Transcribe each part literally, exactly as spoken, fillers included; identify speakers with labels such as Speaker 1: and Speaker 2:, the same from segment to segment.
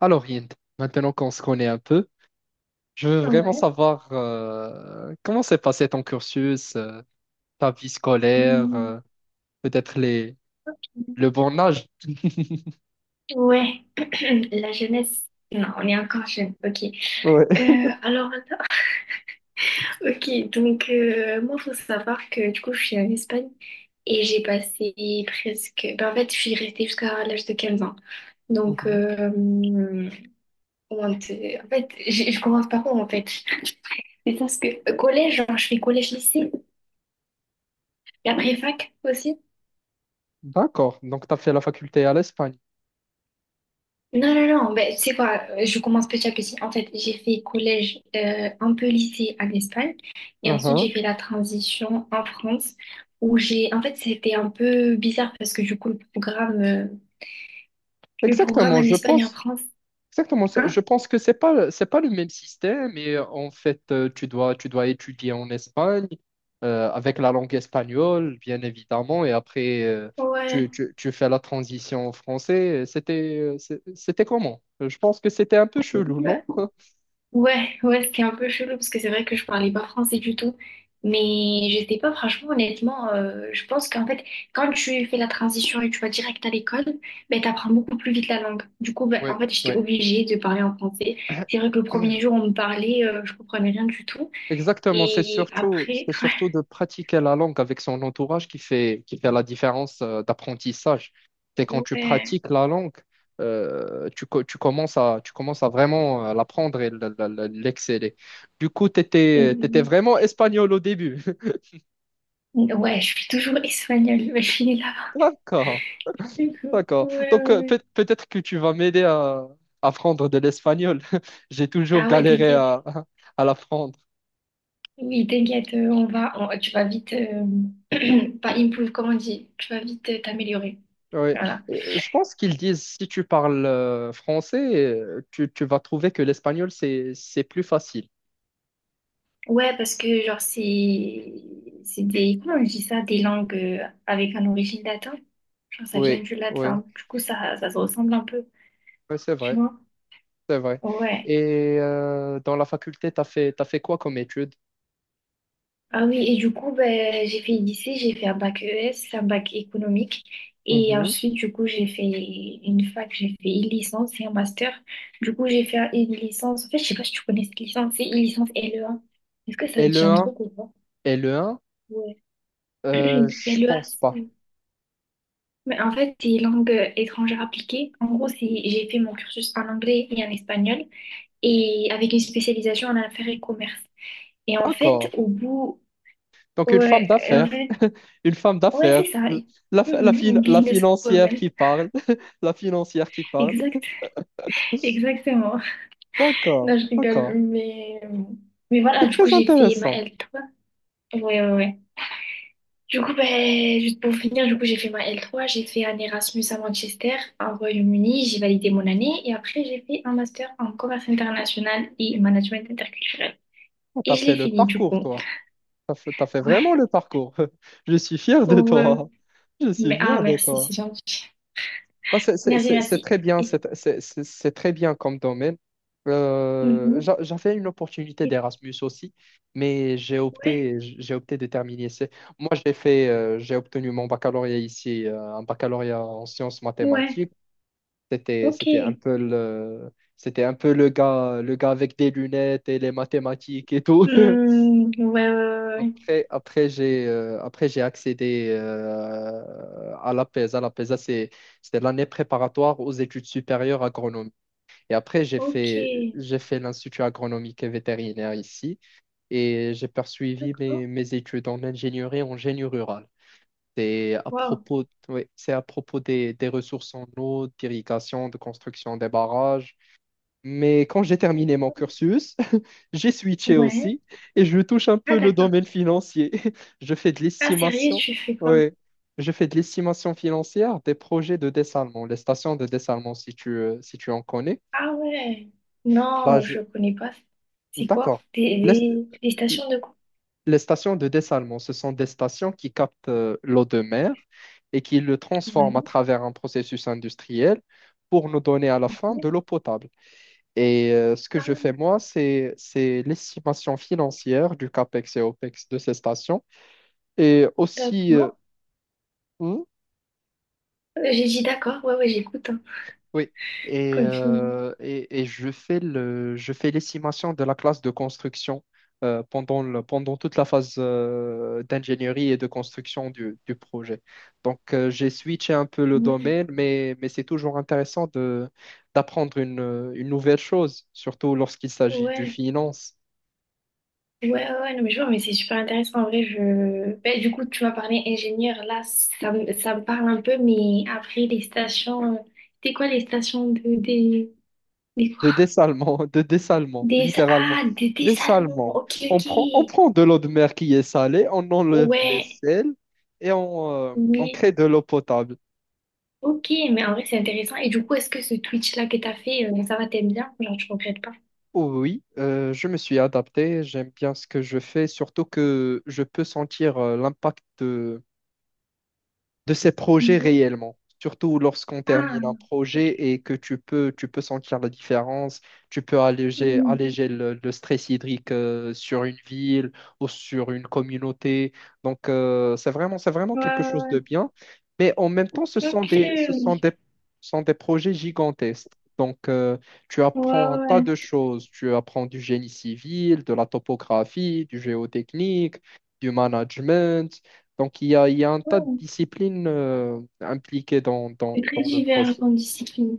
Speaker 1: Alors, Hind, maintenant qu'on se connaît un peu, je veux
Speaker 2: Ah
Speaker 1: vraiment
Speaker 2: ouais.
Speaker 1: savoir euh, comment s'est passé ton cursus, euh, ta vie scolaire,
Speaker 2: Hmm.
Speaker 1: euh, peut-être les, le bon âge.
Speaker 2: Ouais, la jeunesse. Non, on est encore jeune. Ok.
Speaker 1: Ouais.
Speaker 2: Euh, alors, là, ok. Donc, euh, moi, faut savoir que du coup, je suis en Espagne et j'ai passé presque. Ben, en fait, je suis restée jusqu'à l'âge de quinze ans. Donc,
Speaker 1: Mhm.
Speaker 2: euh, comment te- en fait, j'ai- je commence par où en fait? C'est parce que collège, genre, je fais collège-lycée et après fac aussi.
Speaker 1: D'accord, donc tu as fait la faculté à l'Espagne.
Speaker 2: Non, non, non, ben, tu sais quoi, euh, je commence petit à petit. En fait, j'ai fait collège, euh, un peu lycée en Espagne, et ensuite
Speaker 1: Uh-huh.
Speaker 2: j'ai fait la transition en France, où j'ai, en fait, c'était un peu bizarre parce que du coup, le programme, euh, le programme
Speaker 1: Exactement,
Speaker 2: en
Speaker 1: je
Speaker 2: Espagne et en
Speaker 1: pense.
Speaker 2: France,
Speaker 1: Exactement ça.
Speaker 2: hein?
Speaker 1: Je pense que c'est pas c'est pas le même système et euh, en fait euh, tu dois tu dois étudier en Espagne euh, avec la langue espagnole bien évidemment et après euh,
Speaker 2: Ouais,
Speaker 1: tu, tu, tu fais la transition en français. C'était euh, c'est- c'était comment? Euh, Je pense que c'était un peu chelou, non?
Speaker 2: ouais, ouais, ce qui est un peu chelou, parce que c'est vrai que je parlais pas français du tout. Mais je sais pas, franchement, honnêtement, euh, je pense qu'en fait, quand tu fais la transition et tu vas direct à l'école, ben, t'apprends beaucoup plus vite la langue. Du coup, ben,
Speaker 1: Oui,
Speaker 2: en fait, j'étais
Speaker 1: oui.
Speaker 2: obligée de parler en français. C'est vrai que le premier jour, on me parlait, euh, je comprenais rien du tout.
Speaker 1: Exactement, c'est
Speaker 2: Et
Speaker 1: surtout,
Speaker 2: après,
Speaker 1: c'est surtout de pratiquer la langue avec son entourage qui fait, qui fait la différence euh, d'apprentissage. C'est quand tu
Speaker 2: ouais,
Speaker 1: pratiques la langue, euh, tu, co- tu commences à, tu commences à vraiment euh, l'apprendre et l- l- l- l'exceller. Du coup, tu étais,
Speaker 2: oui,
Speaker 1: vraiment espagnol au début.
Speaker 2: ouais, je suis toujours espagnole, mais je finis là.
Speaker 1: D'accord,
Speaker 2: Du coup,
Speaker 1: d'accord.
Speaker 2: ouais,
Speaker 1: Donc,
Speaker 2: ouais,
Speaker 1: euh,
Speaker 2: ouais.
Speaker 1: peut- peut-être que tu vas m'aider à à apprendre de l'espagnol. J'ai toujours
Speaker 2: Ah ouais,
Speaker 1: galéré
Speaker 2: t'inquiète.
Speaker 1: à, à l'apprendre.
Speaker 2: Oui, t'inquiète, euh, on va, on- tu vas vite, euh, pas improve, comment on dit, tu vas vite, euh, t'améliorer.
Speaker 1: Ouais.
Speaker 2: Voilà.
Speaker 1: Euh, Je pense qu'ils disent si tu parles euh, français, euh, tu, tu vas trouver que l'espagnol, c'est, c'est plus facile.
Speaker 2: Ouais, parce que genre c'est, c'est des, comment on dit ça, des langues, euh, avec un origine latin. Genre ça vient
Speaker 1: Oui,
Speaker 2: du
Speaker 1: oui,
Speaker 2: latin, du coup ça, ça se ressemble un peu,
Speaker 1: Ouais, c'est
Speaker 2: tu
Speaker 1: vrai,
Speaker 2: vois.
Speaker 1: c'est vrai.
Speaker 2: Ouais.
Speaker 1: Et euh, dans la faculté, t'as fait, t'as fait quoi comme études.
Speaker 2: Ah oui, et du coup, ben, j'ai fait lycée, j'ai fait un bac E S, un bac économique. Et
Speaker 1: Mhm.
Speaker 2: ensuite, du coup, j'ai fait une fac, j'ai fait une licence et un master. Du coup, j'ai fait une licence. En fait, je sais pas si tu connais cette licence, c'est une licence L E A. Est-ce que ça te
Speaker 1: Et
Speaker 2: dit
Speaker 1: le
Speaker 2: un
Speaker 1: un?
Speaker 2: truc ou pas?
Speaker 1: Et le un?
Speaker 2: Ouais.
Speaker 1: Euh, je
Speaker 2: L E A,
Speaker 1: pense pas.
Speaker 2: c'est- mais en fait, c'est langue étrangère appliquée. En gros, c'est j'ai fait mon cursus en anglais et en espagnol et avec une spécialisation en affaires et commerce. Et en fait,
Speaker 1: D'accord.
Speaker 2: au bout,
Speaker 1: Donc une femme
Speaker 2: ouais, et en
Speaker 1: d'affaires,
Speaker 2: fait,
Speaker 1: une femme
Speaker 2: Ouais,
Speaker 1: d'affaires,
Speaker 2: c'est ça.
Speaker 1: la, fa- la,
Speaker 2: Mhm, une
Speaker 1: fin- la financière
Speaker 2: businesswoman.
Speaker 1: qui parle, la financière qui parle.
Speaker 2: Exact, exactement.
Speaker 1: D'accord,
Speaker 2: Non, je rigole,
Speaker 1: d'accord.
Speaker 2: mais, mais voilà,
Speaker 1: C'est
Speaker 2: du coup,
Speaker 1: très
Speaker 2: j'ai fait ma
Speaker 1: intéressant.
Speaker 2: l trois. Ouais, ouais, ouais. Du coup, ben, juste pour finir, du coup, j'ai fait ma l trois, j'ai fait un Erasmus à Manchester, au Royaume-Uni, j'ai validé mon année, et après, j'ai fait un master en commerce international et management interculturel.
Speaker 1: Oh,
Speaker 2: Et
Speaker 1: T'as
Speaker 2: je
Speaker 1: fait
Speaker 2: l'ai
Speaker 1: le
Speaker 2: fini, du
Speaker 1: parcours,
Speaker 2: coup.
Speaker 1: toi. T'as fait, t'as fait vraiment
Speaker 2: Ouais,
Speaker 1: le parcours. Je suis fier de
Speaker 2: oh, euh,
Speaker 1: toi. Je suis
Speaker 2: mais, ah,
Speaker 1: fier de
Speaker 2: merci,
Speaker 1: toi.
Speaker 2: c'est gentil.
Speaker 1: Bah, c'est c'est-
Speaker 2: Merci,
Speaker 1: c'est- c'est
Speaker 2: merci.
Speaker 1: très bien,
Speaker 2: Et,
Speaker 1: c'est c'est- c'est- c'est très bien comme domaine. Euh,
Speaker 2: mhm.
Speaker 1: j'a- j'avais une opportunité
Speaker 2: Et-
Speaker 1: d'Erasmus aussi, mais j'ai
Speaker 2: ouais,
Speaker 1: opté, j'ai opté de terminer. C'est- Moi, j'ai fait, euh, j'ai obtenu mon baccalauréat ici, euh, un baccalauréat en sciences
Speaker 2: ouais,
Speaker 1: mathématiques. C'était,
Speaker 2: ok.
Speaker 1: c'était un peu le, c'était un peu le gars, le gars avec des lunettes et les mathématiques et tout.
Speaker 2: Hmm, ouais, ouais, ouais, ouais.
Speaker 1: Après, après j'ai euh, après j'ai accédé euh, à l'APESA. L'APESA, c'est c'était l'année préparatoire aux études supérieures agronomiques. Et après, j'ai
Speaker 2: Ok,
Speaker 1: fait j'ai fait l'Institut agronomique et vétérinaire ici et j'ai poursuivi
Speaker 2: d'accord.
Speaker 1: mes, mes études en ingénierie en génie rural. C'est à
Speaker 2: Wow.
Speaker 1: propos, oui, c'est à propos des, des ressources en eau, d'irrigation, de construction des barrages. Mais quand j'ai terminé mon cursus, j'ai switché
Speaker 2: Ouais.
Speaker 1: aussi et je touche un
Speaker 2: Ah,
Speaker 1: peu le
Speaker 2: d'accord.
Speaker 1: domaine financier. Je fais de
Speaker 2: Ah, sérieux,
Speaker 1: l'estimation.
Speaker 2: tu fais quoi?
Speaker 1: Ouais. Je fais de l'estimation financière des projets de dessalement, les stations de dessalement, si tu, euh, si tu en connais.
Speaker 2: Ah, ouais.
Speaker 1: Bah,
Speaker 2: Non,
Speaker 1: je...
Speaker 2: je connais pas. C'est quoi?
Speaker 1: D'accord.
Speaker 2: Des,
Speaker 1: Les,
Speaker 2: des, des stations de quoi?
Speaker 1: les stations de dessalement, ce sont des stations qui captent euh, l'eau de mer et qui le transforment à
Speaker 2: Ouais,
Speaker 1: travers un processus industriel pour nous donner à la fin de
Speaker 2: ouais.
Speaker 1: l'eau potable. Et euh, ce que je fais
Speaker 2: Ah,
Speaker 1: moi, c'est c'est l'estimation financière du CAPEX et OPEX de ces stations. Et aussi, euh,
Speaker 2: d'accord.
Speaker 1: hmm,
Speaker 2: Euh, J'ai dit d'accord. Ouais, ouais, j'écoute. Hein.
Speaker 1: oui, et,
Speaker 2: Continue.
Speaker 1: euh, et, et je fais le, je fais l'estimation de la classe de construction euh, pendant le, pendant toute la phase euh, d'ingénierie et de construction du, du projet. Donc, euh, j'ai switché un peu le
Speaker 2: Ouais.
Speaker 1: domaine, mais, mais c'est toujours intéressant de, d'apprendre une, une nouvelle chose, surtout lorsqu'il s'agit du
Speaker 2: Ouais.
Speaker 1: finance.
Speaker 2: Ouais, ouais, ouais, non, mais je vois, mais c'est super intéressant. En vrai, je. Ben, du coup, tu m'as parlé ingénieur. Là, ça, me- ça me parle un peu, mais après, les stations. euh, C'était quoi les stations de, des.
Speaker 1: de dessalement, de dessalement,
Speaker 2: Des,
Speaker 1: littéralement.
Speaker 2: ah, des, des salmons,
Speaker 1: Dessalement.
Speaker 2: ok,
Speaker 1: On
Speaker 2: ok.
Speaker 1: prend, on prend de l'eau de mer qui est salée, on enlève les
Speaker 2: Ouais,
Speaker 1: sels et on, euh, on
Speaker 2: oui,
Speaker 1: crée de l'eau potable.
Speaker 2: ok, mais en vrai, c'est intéressant. Et du coup, est-ce que ce Twitch-là que t'as fait, euh, ça va, t'aimes bien? Genre, tu regrettes pas?
Speaker 1: Oh oui, euh, je me suis adapté, j'aime bien ce que je fais, surtout que je peux sentir euh, l'impact de ces projets
Speaker 2: Mhm.
Speaker 1: réellement. Surtout lorsqu'on
Speaker 2: Ah,
Speaker 1: termine un
Speaker 2: ok.
Speaker 1: projet et que tu peux, tu peux sentir la différence, tu peux alléger,
Speaker 2: Hmm.
Speaker 1: alléger le, le stress hydrique euh, sur une ville ou sur une communauté. Donc, euh, c'est vraiment, c'est vraiment
Speaker 2: Ouais,
Speaker 1: quelque chose de
Speaker 2: ouais,
Speaker 1: bien. Mais en même temps, ce
Speaker 2: ouais,
Speaker 1: sont des, ce sont des,
Speaker 2: ok.
Speaker 1: ce sont des projets gigantesques. Donc, euh, tu
Speaker 2: Ouais,
Speaker 1: apprends un tas
Speaker 2: ouais,
Speaker 1: de choses. Tu apprends du génie civil, de la topographie, du géotechnique, du management. Donc, il y a, il y a un tas de
Speaker 2: ouais.
Speaker 1: disciplines euh, impliquées dans, dans,
Speaker 2: C'est très
Speaker 1: dans le
Speaker 2: divers
Speaker 1: procès.
Speaker 2: comme discipline.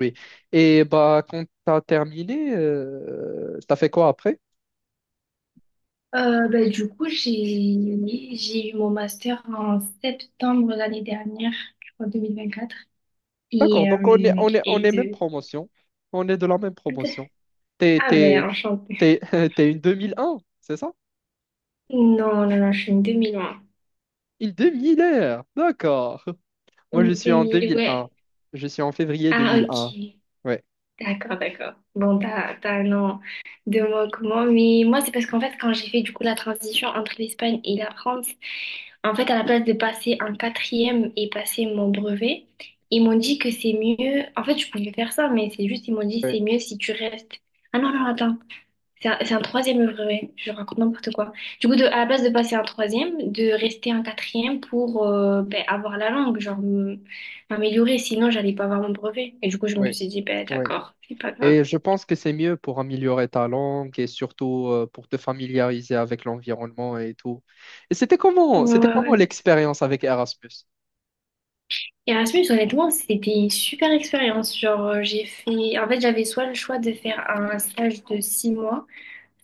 Speaker 1: Oui. Et bah, quand tu as terminé, euh, tu as fait quoi après?
Speaker 2: Euh, bah, du coup, j'ai, j'ai eu mon master en septembre l'année dernière, je crois, deux mille vingt-quatre.
Speaker 1: D'accord,
Speaker 2: Et,
Speaker 1: donc on est,
Speaker 2: euh,
Speaker 1: on est, on
Speaker 2: et
Speaker 1: est même
Speaker 2: de...
Speaker 1: promotion. On est de la même promotion. T'es,
Speaker 2: Ah, ben,
Speaker 1: t'es,
Speaker 2: enchantée.
Speaker 1: t'es, t'es une deux mille un, c'est ça?
Speaker 2: Non, non, non, je suis une deux mille un.
Speaker 1: Une deux mille, d'accord. Moi,
Speaker 2: Une
Speaker 1: je suis en
Speaker 2: deux mille,
Speaker 1: deux mille un.
Speaker 2: ouais.
Speaker 1: Je suis en février
Speaker 2: Ah,
Speaker 1: deux mille un.
Speaker 2: ok.
Speaker 1: Ouais,
Speaker 2: D'accord, d'accord. Bon, t'as, t'as un an de moi comment. Mais moi, c'est parce qu'en fait, quand j'ai fait du coup la transition entre l'Espagne et la France, en fait, à la place de passer un quatrième et passer mon brevet, ils m'ont dit que c'est mieux. En fait, je pouvais faire ça, mais c'est juste, ils m'ont dit c'est
Speaker 1: ouais,
Speaker 2: mieux si tu restes. Ah non, non, attends. C'est un, c'est un troisième œuvre, ouais. Je raconte n'importe quoi. Du coup, de, à la place de passer un troisième, de rester un quatrième pour euh, ben, avoir la langue, genre m- m'améliorer, sinon j'allais pas avoir mon brevet. Et du coup, je me
Speaker 1: ouais,
Speaker 2: suis dit, ben
Speaker 1: ouais.
Speaker 2: d'accord, c'est pas grave.
Speaker 1: Et je pense que c'est mieux pour améliorer ta langue et surtout euh, pour te familiariser avec l'environnement et tout. Et c'était comment,
Speaker 2: Ouais,
Speaker 1: c'était
Speaker 2: ouais,
Speaker 1: comment
Speaker 2: ouais.
Speaker 1: l'expérience avec Erasmus?
Speaker 2: Erasmus, honnêtement, c'était une super expérience. Genre, euh, j'ai fait... En fait, j'avais soit le choix de faire un stage de six mois,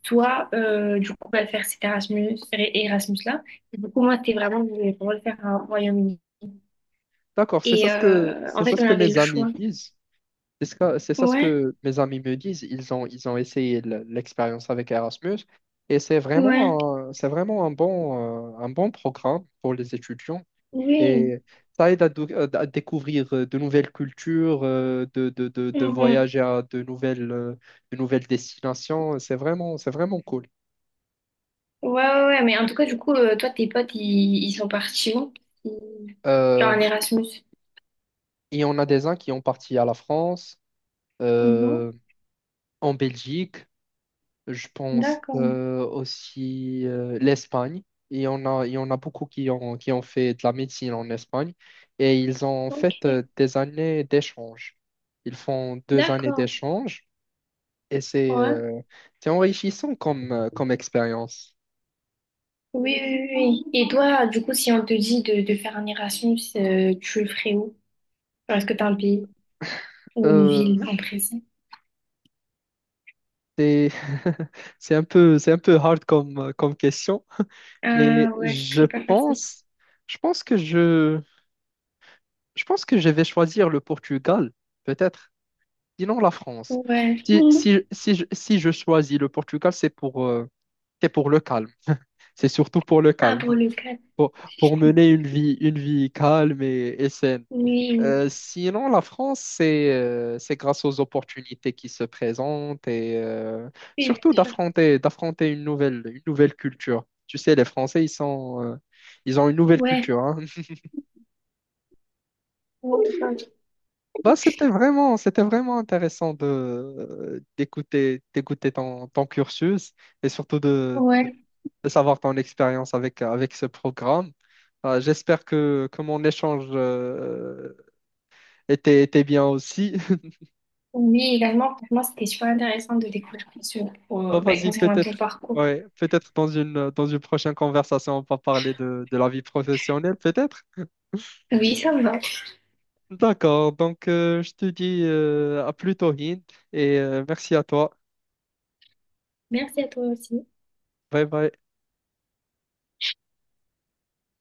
Speaker 2: soit, euh, du coup, ben, faire cet Erasmus, Erasmus-là. Et du coup, moi, c'était vraiment, je voulais vraiment le faire au Royaume-Uni.
Speaker 1: D'accord, c'est ça
Speaker 2: Et
Speaker 1: ce que,
Speaker 2: euh,
Speaker 1: c'est
Speaker 2: en
Speaker 1: ça
Speaker 2: fait,
Speaker 1: ce
Speaker 2: on
Speaker 1: que
Speaker 2: avait
Speaker 1: mes
Speaker 2: le
Speaker 1: amis
Speaker 2: choix.
Speaker 1: disent. C'est ça c'est ça ce
Speaker 2: Ouais,
Speaker 1: que mes amis me disent. Ils ont, ils ont essayé l- l'expérience avec Erasmus et c'est
Speaker 2: ouais,
Speaker 1: vraiment, un- c'est vraiment un bon, euh, un bon programme pour les étudiants.
Speaker 2: oui.
Speaker 1: Et ça aide à, dou- euh, à découvrir euh, de nouvelles cultures, euh, de, de, de, de
Speaker 2: Mhm.
Speaker 1: voyager à de nouvelles, euh, de nouvelles destinations. C'est vraiment, c'est vraiment cool.
Speaker 2: Ouais, ouais, ouais, mais en tout cas, du coup, euh, toi, tes potes, ils, ils sont partis où? Ils- Genre
Speaker 1: Euh,
Speaker 2: en Erasmus.
Speaker 1: et on a des uns qui ont parti à la France,
Speaker 2: Mhm.
Speaker 1: euh, en Belgique, je pense
Speaker 2: D'accord,
Speaker 1: euh, aussi euh, l'Espagne. Et on a, il y en a beaucoup qui ont, qui ont fait de la médecine en Espagne. Et ils ont
Speaker 2: ok,
Speaker 1: fait euh, des années d'échange. Ils font deux années
Speaker 2: d'accord,
Speaker 1: d'échange. Et c'est
Speaker 2: ouais.
Speaker 1: euh, c'est enrichissant comme, euh, comme expérience.
Speaker 2: Oui, oui, oui, oui. Et toi, du coup, si on te dit de, de faire un Erasmus, euh, tu le ferais où? Genre, est-ce que t'as un pays ou une
Speaker 1: Euh,
Speaker 2: ville en présent?
Speaker 1: c'est c'est un peu, c'est un peu hard comme, euh, comme question, mais
Speaker 2: Ah ouais,
Speaker 1: je
Speaker 2: c'est pas facile.
Speaker 1: pense, je pense que je, je pense que je vais choisir le Portugal, peut-être, sinon la France.
Speaker 2: Ouais.
Speaker 1: Si,
Speaker 2: Mhm.
Speaker 1: si, si, je si je choisis le Portugal, c'est pour, euh, c'est pour le calme. C'est surtout pour le
Speaker 2: Ah,
Speaker 1: calme,
Speaker 2: pour le cadre.
Speaker 1: pour, pour mener une vie, une vie calme et, et saine.
Speaker 2: Oui, oui,
Speaker 1: Euh, sinon, la France, c'est euh, c'est grâce aux opportunités qui se présentent et euh,
Speaker 2: oui,
Speaker 1: surtout
Speaker 2: bien sûr.
Speaker 1: d'affronter d'affronter une nouvelle une nouvelle culture. Tu sais, les Français, ils sont euh, ils ont une nouvelle culture.
Speaker 2: Ouais.
Speaker 1: hein. Bah, c'était vraiment c'était vraiment intéressant de euh, d'écouter d'écouter ton, ton cursus et surtout de, de,
Speaker 2: Ouais.
Speaker 1: de savoir ton expérience avec avec ce programme. Euh, j'espère que que mon échange euh, était était bien aussi.
Speaker 2: Oui, également, franchement, c'était super intéressant de découvrir plus sur,
Speaker 1: Bah,
Speaker 2: euh, ben,
Speaker 1: vas-y,
Speaker 2: concernant ton
Speaker 1: peut-être.
Speaker 2: parcours.
Speaker 1: Ouais, peut-être dans une, dans une prochaine conversation, on va parler de, de la vie professionnelle, peut-être.
Speaker 2: Oui, ça me va.
Speaker 1: D'accord, donc euh, je te dis euh, à plus tôt, Hind, et euh, merci à toi.
Speaker 2: Merci à toi aussi.
Speaker 1: Bye bye.